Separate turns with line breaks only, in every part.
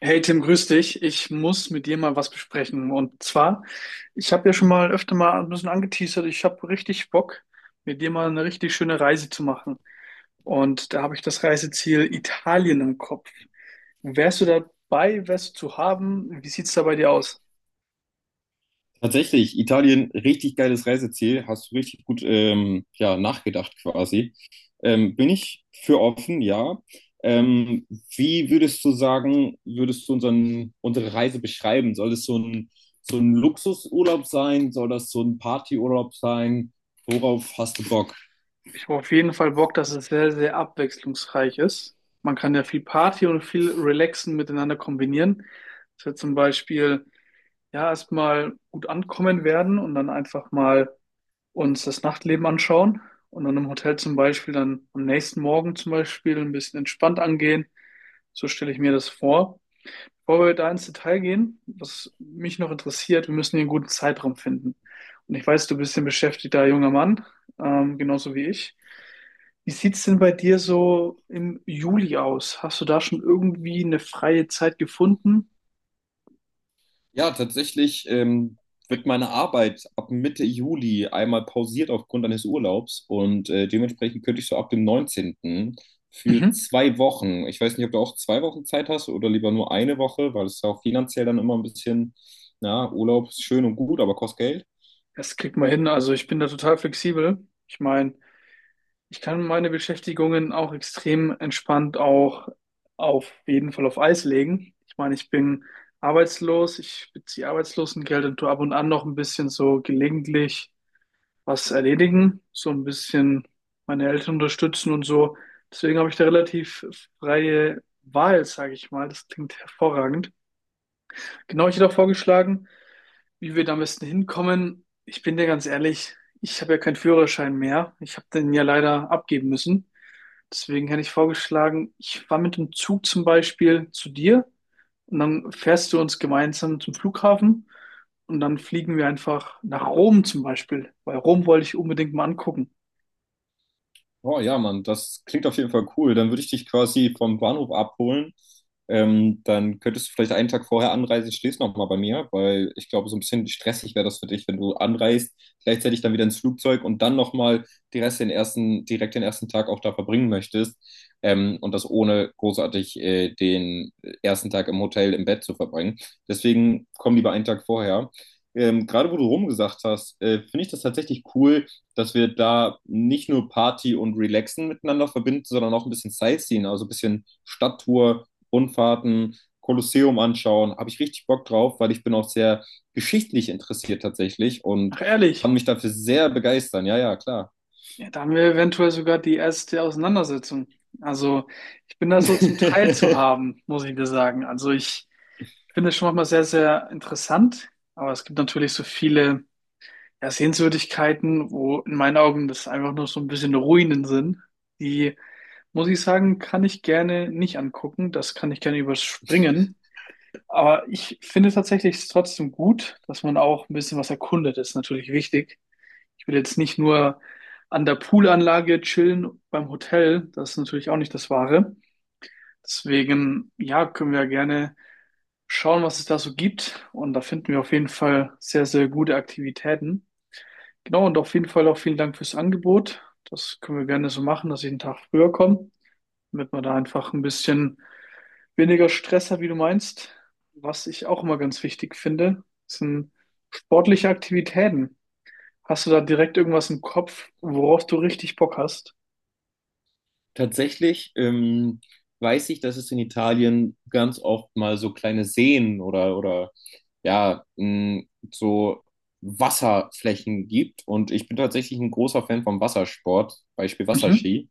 Hey Tim, grüß dich. Ich muss mit dir mal was besprechen. Und zwar, ich habe ja schon mal öfter mal ein bisschen angeteasert, ich habe richtig Bock, mit dir mal eine richtig schöne Reise zu machen. Und da habe ich das Reiseziel Italien im Kopf. Wärst du dabei? Wärst du zu haben? Wie sieht's da bei dir aus?
Tatsächlich, Italien, richtig geiles Reiseziel. Hast du richtig gut ja, nachgedacht quasi. Bin ich für offen, ja. Ähm, Wie würdest du sagen, würdest du unsere Reise beschreiben? Soll es so ein Luxusurlaub sein? Soll das so ein Partyurlaub sein? Worauf hast du Bock?
Ich habe auf jeden Fall Bock, dass es sehr, sehr abwechslungsreich ist. Man kann ja viel Party und viel Relaxen miteinander kombinieren. Dass wir zum Beispiel ja erstmal gut ankommen werden und dann einfach mal uns das Nachtleben anschauen und dann im Hotel zum Beispiel dann am nächsten Morgen zum Beispiel ein bisschen entspannt angehen. So stelle ich mir das vor. Bevor wir da ins Detail gehen, was mich noch interessiert, wir müssen hier einen guten Zeitraum finden. Und ich weiß, du bist ein beschäftigter junger Mann, genauso wie ich. Wie sieht's denn bei dir so im Juli aus? Hast du da schon irgendwie eine freie Zeit gefunden?
Ja, tatsächlich wird meine Arbeit ab Mitte Juli einmal pausiert aufgrund eines Urlaubs und dementsprechend könnte ich so ab dem 19. für
Mhm.
2 Wochen. Ich weiß nicht, ob du auch 2 Wochen Zeit hast oder lieber nur eine Woche, weil es ja auch finanziell dann immer ein bisschen, na, Urlaub ist schön und gut, aber kostet Geld.
Das kriegt man hin. Also ich bin da total flexibel. Ich meine, ich kann meine Beschäftigungen auch extrem entspannt auch auf jeden Fall auf Eis legen. Ich meine, ich bin arbeitslos, ich beziehe Arbeitslosengeld und tue ab und an noch ein bisschen so gelegentlich was erledigen, so ein bisschen meine Eltern unterstützen und so. Deswegen habe ich da relativ freie Wahl, sage ich mal. Das klingt hervorragend. Genau, ich hätte auch vorgeschlagen, wie wir da am besten hinkommen. Ich bin dir ganz ehrlich, ich habe ja keinen Führerschein mehr. Ich habe den ja leider abgeben müssen. Deswegen hätte ich vorgeschlagen, ich fahre mit dem Zug zum Beispiel zu dir und dann fährst du uns gemeinsam zum Flughafen und dann fliegen wir einfach nach Rom zum Beispiel, weil Rom wollte ich unbedingt mal angucken.
Oh ja, Mann, das klingt auf jeden Fall cool. Dann würde ich dich quasi vom Bahnhof abholen. Dann könntest du vielleicht einen Tag vorher anreisen, stehst noch mal bei mir, weil ich glaube, so ein bisschen stressig wäre das für dich, wenn du anreist, gleichzeitig dann wieder ins Flugzeug und dann noch mal die Rest den ersten, direkt den ersten Tag auch da verbringen möchtest. Und das ohne großartig den ersten Tag im Hotel im Bett zu verbringen. Deswegen komm lieber einen Tag vorher. Gerade wo du rumgesagt hast, finde ich das tatsächlich cool, dass wir da nicht nur Party und Relaxen miteinander verbinden, sondern auch ein bisschen Sightseeing, also ein bisschen Stadttour, Rundfahrten, Kolosseum anschauen. Habe ich richtig Bock drauf, weil ich bin auch sehr geschichtlich interessiert tatsächlich und
Ach
kann
ehrlich,
mich dafür sehr begeistern. Ja, ja, klar.
ja, da haben wir eventuell sogar die erste Auseinandersetzung. Also ich bin da so zum Teil zu haben, muss ich dir sagen. Also ich finde es schon manchmal sehr, sehr interessant, aber es gibt natürlich so viele ja, Sehenswürdigkeiten, wo in meinen Augen das einfach nur so ein bisschen Ruinen sind, die muss ich sagen, kann ich gerne nicht angucken. Das kann ich gerne überspringen. Aber ich finde tatsächlich es trotzdem gut, dass man auch ein bisschen was erkundet. Das ist natürlich wichtig. Ich will jetzt nicht nur an der Poolanlage chillen beim Hotel. Das ist natürlich auch nicht das Wahre. Deswegen, ja, können wir gerne schauen, was es da so gibt. Und da finden wir auf jeden Fall sehr, sehr gute Aktivitäten. Genau, und auf jeden Fall auch vielen Dank fürs Angebot. Das können wir gerne so machen, dass ich einen Tag früher komme, damit wir da einfach ein bisschen weniger Stress hat, wie du meinst. Was ich auch immer ganz wichtig finde, sind sportliche Aktivitäten. Hast du da direkt irgendwas im Kopf, worauf du richtig Bock hast?
Tatsächlich weiß ich, dass es in Italien ganz oft mal so kleine Seen oder ja, mh, so Wasserflächen gibt. Und ich bin tatsächlich ein großer Fan vom Wassersport, Beispiel
Mhm.
Wasserski.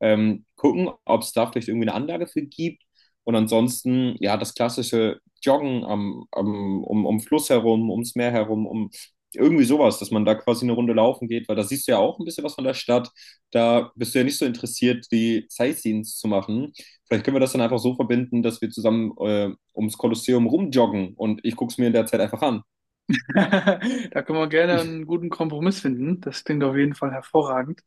Gucken, ob es da vielleicht irgendwie eine Anlage für gibt. Und ansonsten, ja, das klassische Joggen am, um Fluss herum, ums Meer herum, um irgendwie sowas, dass man da quasi eine Runde laufen geht, weil da siehst du ja auch ein bisschen was von der Stadt. Da bist du ja nicht so interessiert, die Sightseeings zu machen. Vielleicht können wir das dann einfach so verbinden, dass wir zusammen ums Kolosseum rumjoggen und ich gucke es mir in der Zeit einfach an.
Da können wir gerne einen guten Kompromiss finden. Das klingt auf jeden Fall hervorragend.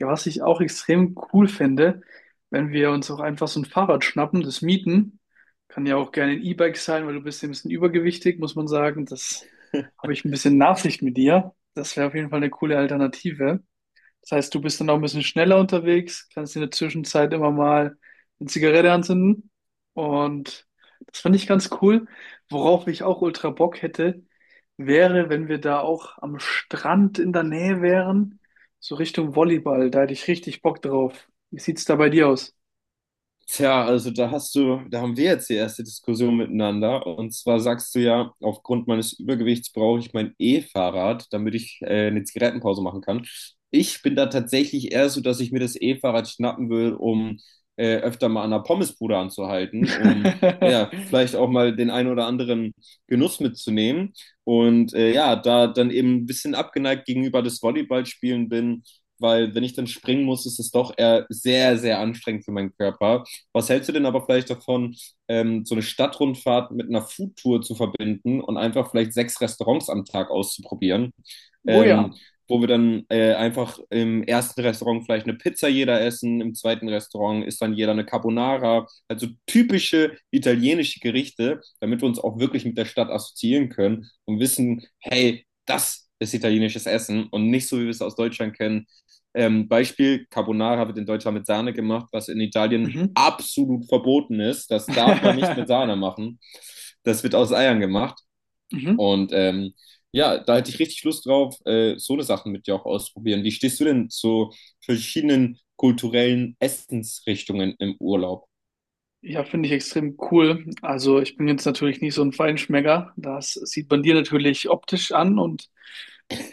Ja, was ich auch extrem cool finde, wenn wir uns auch einfach so ein Fahrrad schnappen, das mieten. Kann ja auch gerne ein E-Bike sein, weil du bist ja ein bisschen übergewichtig, muss man sagen. Das habe ich ein bisschen Nachsicht mit dir. Das wäre auf jeden Fall eine coole Alternative. Das heißt, du bist dann auch ein bisschen schneller unterwegs, kannst in der Zwischenzeit immer mal eine Zigarette anzünden. Und das fand ich ganz cool. Worauf ich auch ultra Bock hätte, wäre, wenn wir da auch am Strand in der Nähe wären, so Richtung Volleyball. Da hätte ich richtig Bock drauf. Wie sieht's da bei dir aus?
Tja, also da hast du, da haben wir jetzt die erste Diskussion miteinander. Und zwar sagst du ja, aufgrund meines Übergewichts brauche ich mein E-Fahrrad, damit ich eine Zigarettenpause machen kann. Ich bin da tatsächlich eher so, dass ich mir das E-Fahrrad schnappen will, um öfter mal an der Pommesbude anzuhalten, um ja, vielleicht auch mal den einen oder anderen Genuss mitzunehmen. Und ja, da dann eben ein bisschen abgeneigt gegenüber des Volleyballspielen bin, weil wenn ich dann springen muss, ist es doch eher sehr, sehr anstrengend für meinen Körper. Was hältst du denn aber vielleicht davon, so eine Stadtrundfahrt mit einer Foodtour zu verbinden und einfach vielleicht sechs Restaurants am Tag auszuprobieren?
Oh
Ähm,
ja.
Wo wir dann einfach im ersten Restaurant vielleicht eine Pizza jeder essen, im zweiten Restaurant ist dann jeder eine Carbonara, also typische italienische Gerichte, damit wir uns auch wirklich mit der Stadt assoziieren können und wissen, hey, das ist italienisches Essen und nicht so, wie wir es aus Deutschland kennen, Beispiel, Carbonara wird in Deutschland mit Sahne gemacht, was in Italien
Mhm.
absolut verboten ist. Das darf man nicht mit Sahne machen. Das wird aus Eiern gemacht.
Mhm.
Und ja, da hätte ich richtig Lust drauf, so eine Sachen mit dir auch ausprobieren. Wie stehst du denn zu verschiedenen kulturellen Essensrichtungen im Urlaub?
Ja, finde ich extrem cool. Also ich bin jetzt natürlich nicht so ein Feinschmecker. Das sieht man dir natürlich optisch an und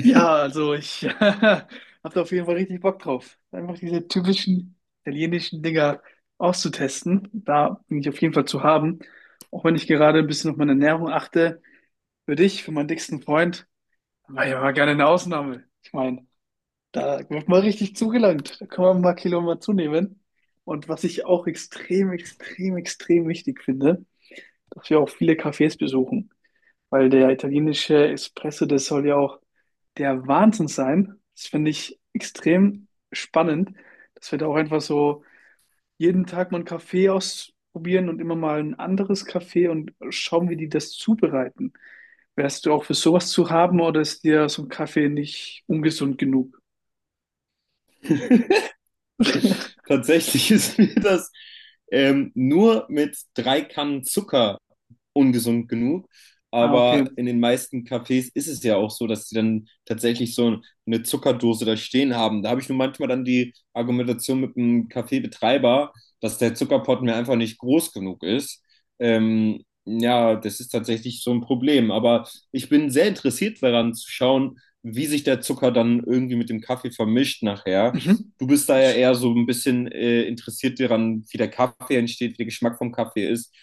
ja, also ich habe da auf jeden Fall richtig Bock drauf. Einfach diese typischen italienischen Dinger auszutesten. Da bin ich auf jeden Fall zu haben. Auch wenn ich gerade ein bisschen auf meine Ernährung achte. Für dich, für meinen dicksten Freund, war ja mal gerne eine Ausnahme. Ich meine, da wird mal richtig zugelangt. Da kann man ein paar Kilo mal zunehmen. Und was ich auch extrem, extrem, extrem wichtig finde, dass wir auch viele Cafés besuchen. Weil der italienische Espresso, das soll ja auch der Wahnsinn sein. Das finde ich extrem spannend, dass wir da auch einfach so jeden Tag mal einen Kaffee ausprobieren und immer mal ein anderes Kaffee und schauen, wie die das zubereiten. Wärst du auch für sowas zu haben oder ist dir so ein Kaffee nicht ungesund genug?
Tatsächlich ist mir das nur mit drei Kannen Zucker ungesund genug.
Ah,
Aber
okay.
in den meisten Cafés ist es ja auch so, dass sie dann tatsächlich so eine Zuckerdose da stehen haben. Da habe ich nur manchmal dann die Argumentation mit dem Kaffeebetreiber, dass der Zuckerpott mir einfach nicht groß genug ist. Ja, das ist tatsächlich so ein Problem. Aber ich bin sehr interessiert daran zu schauen, wie sich der Zucker dann irgendwie mit dem Kaffee vermischt nachher.
Mhm.
Du bist da ja
Das-
eher so ein bisschen interessiert daran, wie der Kaffee entsteht, wie der Geschmack vom Kaffee ist.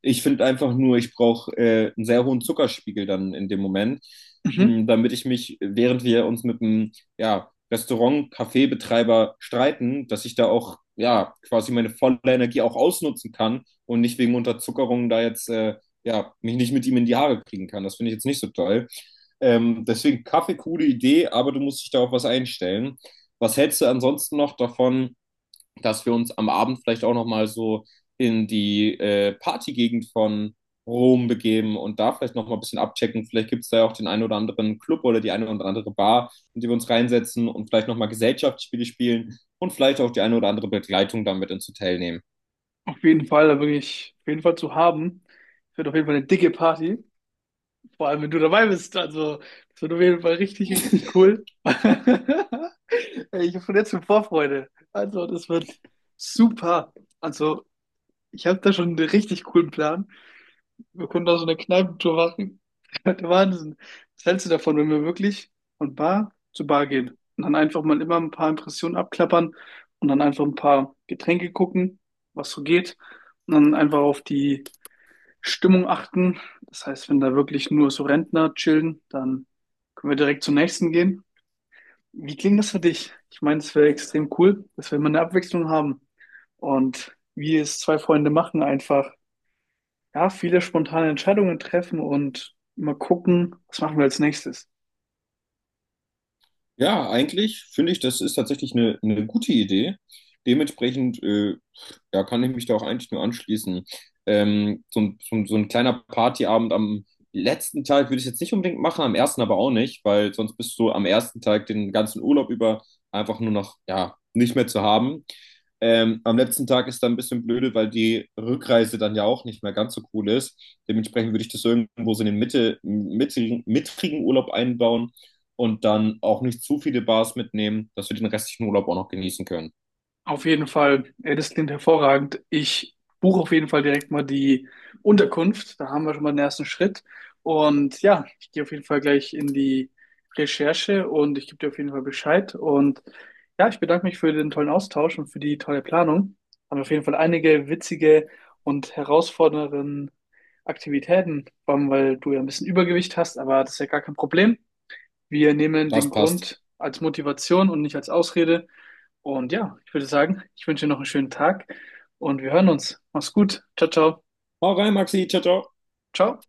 Ich finde einfach nur, ich brauche einen sehr hohen Zuckerspiegel dann in dem Moment,
Mhm.
mh, damit ich mich, während wir uns mit einem ja, Restaurant-Kaffeebetreiber streiten, dass ich da auch ja quasi meine volle Energie auch ausnutzen kann und nicht wegen Unterzuckerung da jetzt ja mich nicht mit ihm in die Haare kriegen kann. Das finde ich jetzt nicht so toll. Deswegen Kaffee, coole Idee, aber du musst dich da auf was einstellen. Was hältst du ansonsten noch davon, dass wir uns am Abend vielleicht auch noch mal so in die Partygegend von Rom begeben und da vielleicht noch mal ein bisschen abchecken? Vielleicht gibt es da ja auch den einen oder anderen Club oder die eine oder andere Bar, in die wir uns reinsetzen und vielleicht noch mal Gesellschaftsspiele spielen und vielleicht auch die eine oder andere Begleitung damit ins Hotel nehmen.
Auf jeden Fall, da bin ich auf jeden Fall zu haben. Wird auf jeden Fall eine dicke Party. Vor allem, wenn du dabei bist. Also, das wird auf jeden Fall richtig, richtig cool. Ey, ich habe schon jetzt schon Vorfreude. Also, das wird super. Also, ich habe da schon einen richtig coolen Plan. Wir können da so eine Kneipentour machen. Der Wahnsinn. Was hältst du davon, wenn wir wirklich von Bar zu Bar gehen und dann einfach mal immer ein paar Impressionen abklappern und dann einfach ein paar Getränke gucken, was so geht und dann einfach auf die Stimmung achten. Das heißt, wenn da wirklich nur so Rentner chillen, dann können wir direkt zum nächsten gehen. Wie klingt das für dich? Ich meine, es wäre extrem cool, dass wir immer eine Abwechslung haben. Und wie es zwei Freunde machen, einfach, ja, viele spontane Entscheidungen treffen und immer gucken, was machen wir als nächstes.
Ja, eigentlich finde ich, das ist tatsächlich eine gute Idee. Dementsprechend ja, kann ich mich da auch eigentlich nur anschließen. So ein kleiner Partyabend am letzten Tag würde ich jetzt nicht unbedingt machen, am ersten aber auch nicht, weil sonst bist du am ersten Tag den ganzen Urlaub über einfach nur noch, ja, nicht mehr zu haben. Am letzten Tag ist dann ein bisschen blöde, weil die Rückreise dann ja auch nicht mehr ganz so cool ist. Dementsprechend würde ich das irgendwo so in den mittigen Urlaub einbauen und dann auch nicht zu viele Bars mitnehmen, dass wir den restlichen Urlaub auch noch genießen können.
Auf jeden Fall, ja, das klingt hervorragend. Ich buche auf jeden Fall direkt mal die Unterkunft. Da haben wir schon mal den ersten Schritt. Und ja, ich gehe auf jeden Fall gleich in die Recherche und ich gebe dir auf jeden Fall Bescheid. Und ja, ich bedanke mich für den tollen Austausch und für die tolle Planung. Haben auf jeden Fall einige witzige und herausfordernde Aktivitäten, vor allem weil du ja ein bisschen Übergewicht hast, aber das ist ja gar kein Problem. Wir nehmen den
Das passt.
Grund als Motivation und nicht als Ausrede. Und ja, ich würde sagen, ich wünsche dir noch einen schönen Tag und wir hören uns. Mach's gut. Ciao, ciao.
Hau rein, Maxi. Ciao, ciao.
Ciao.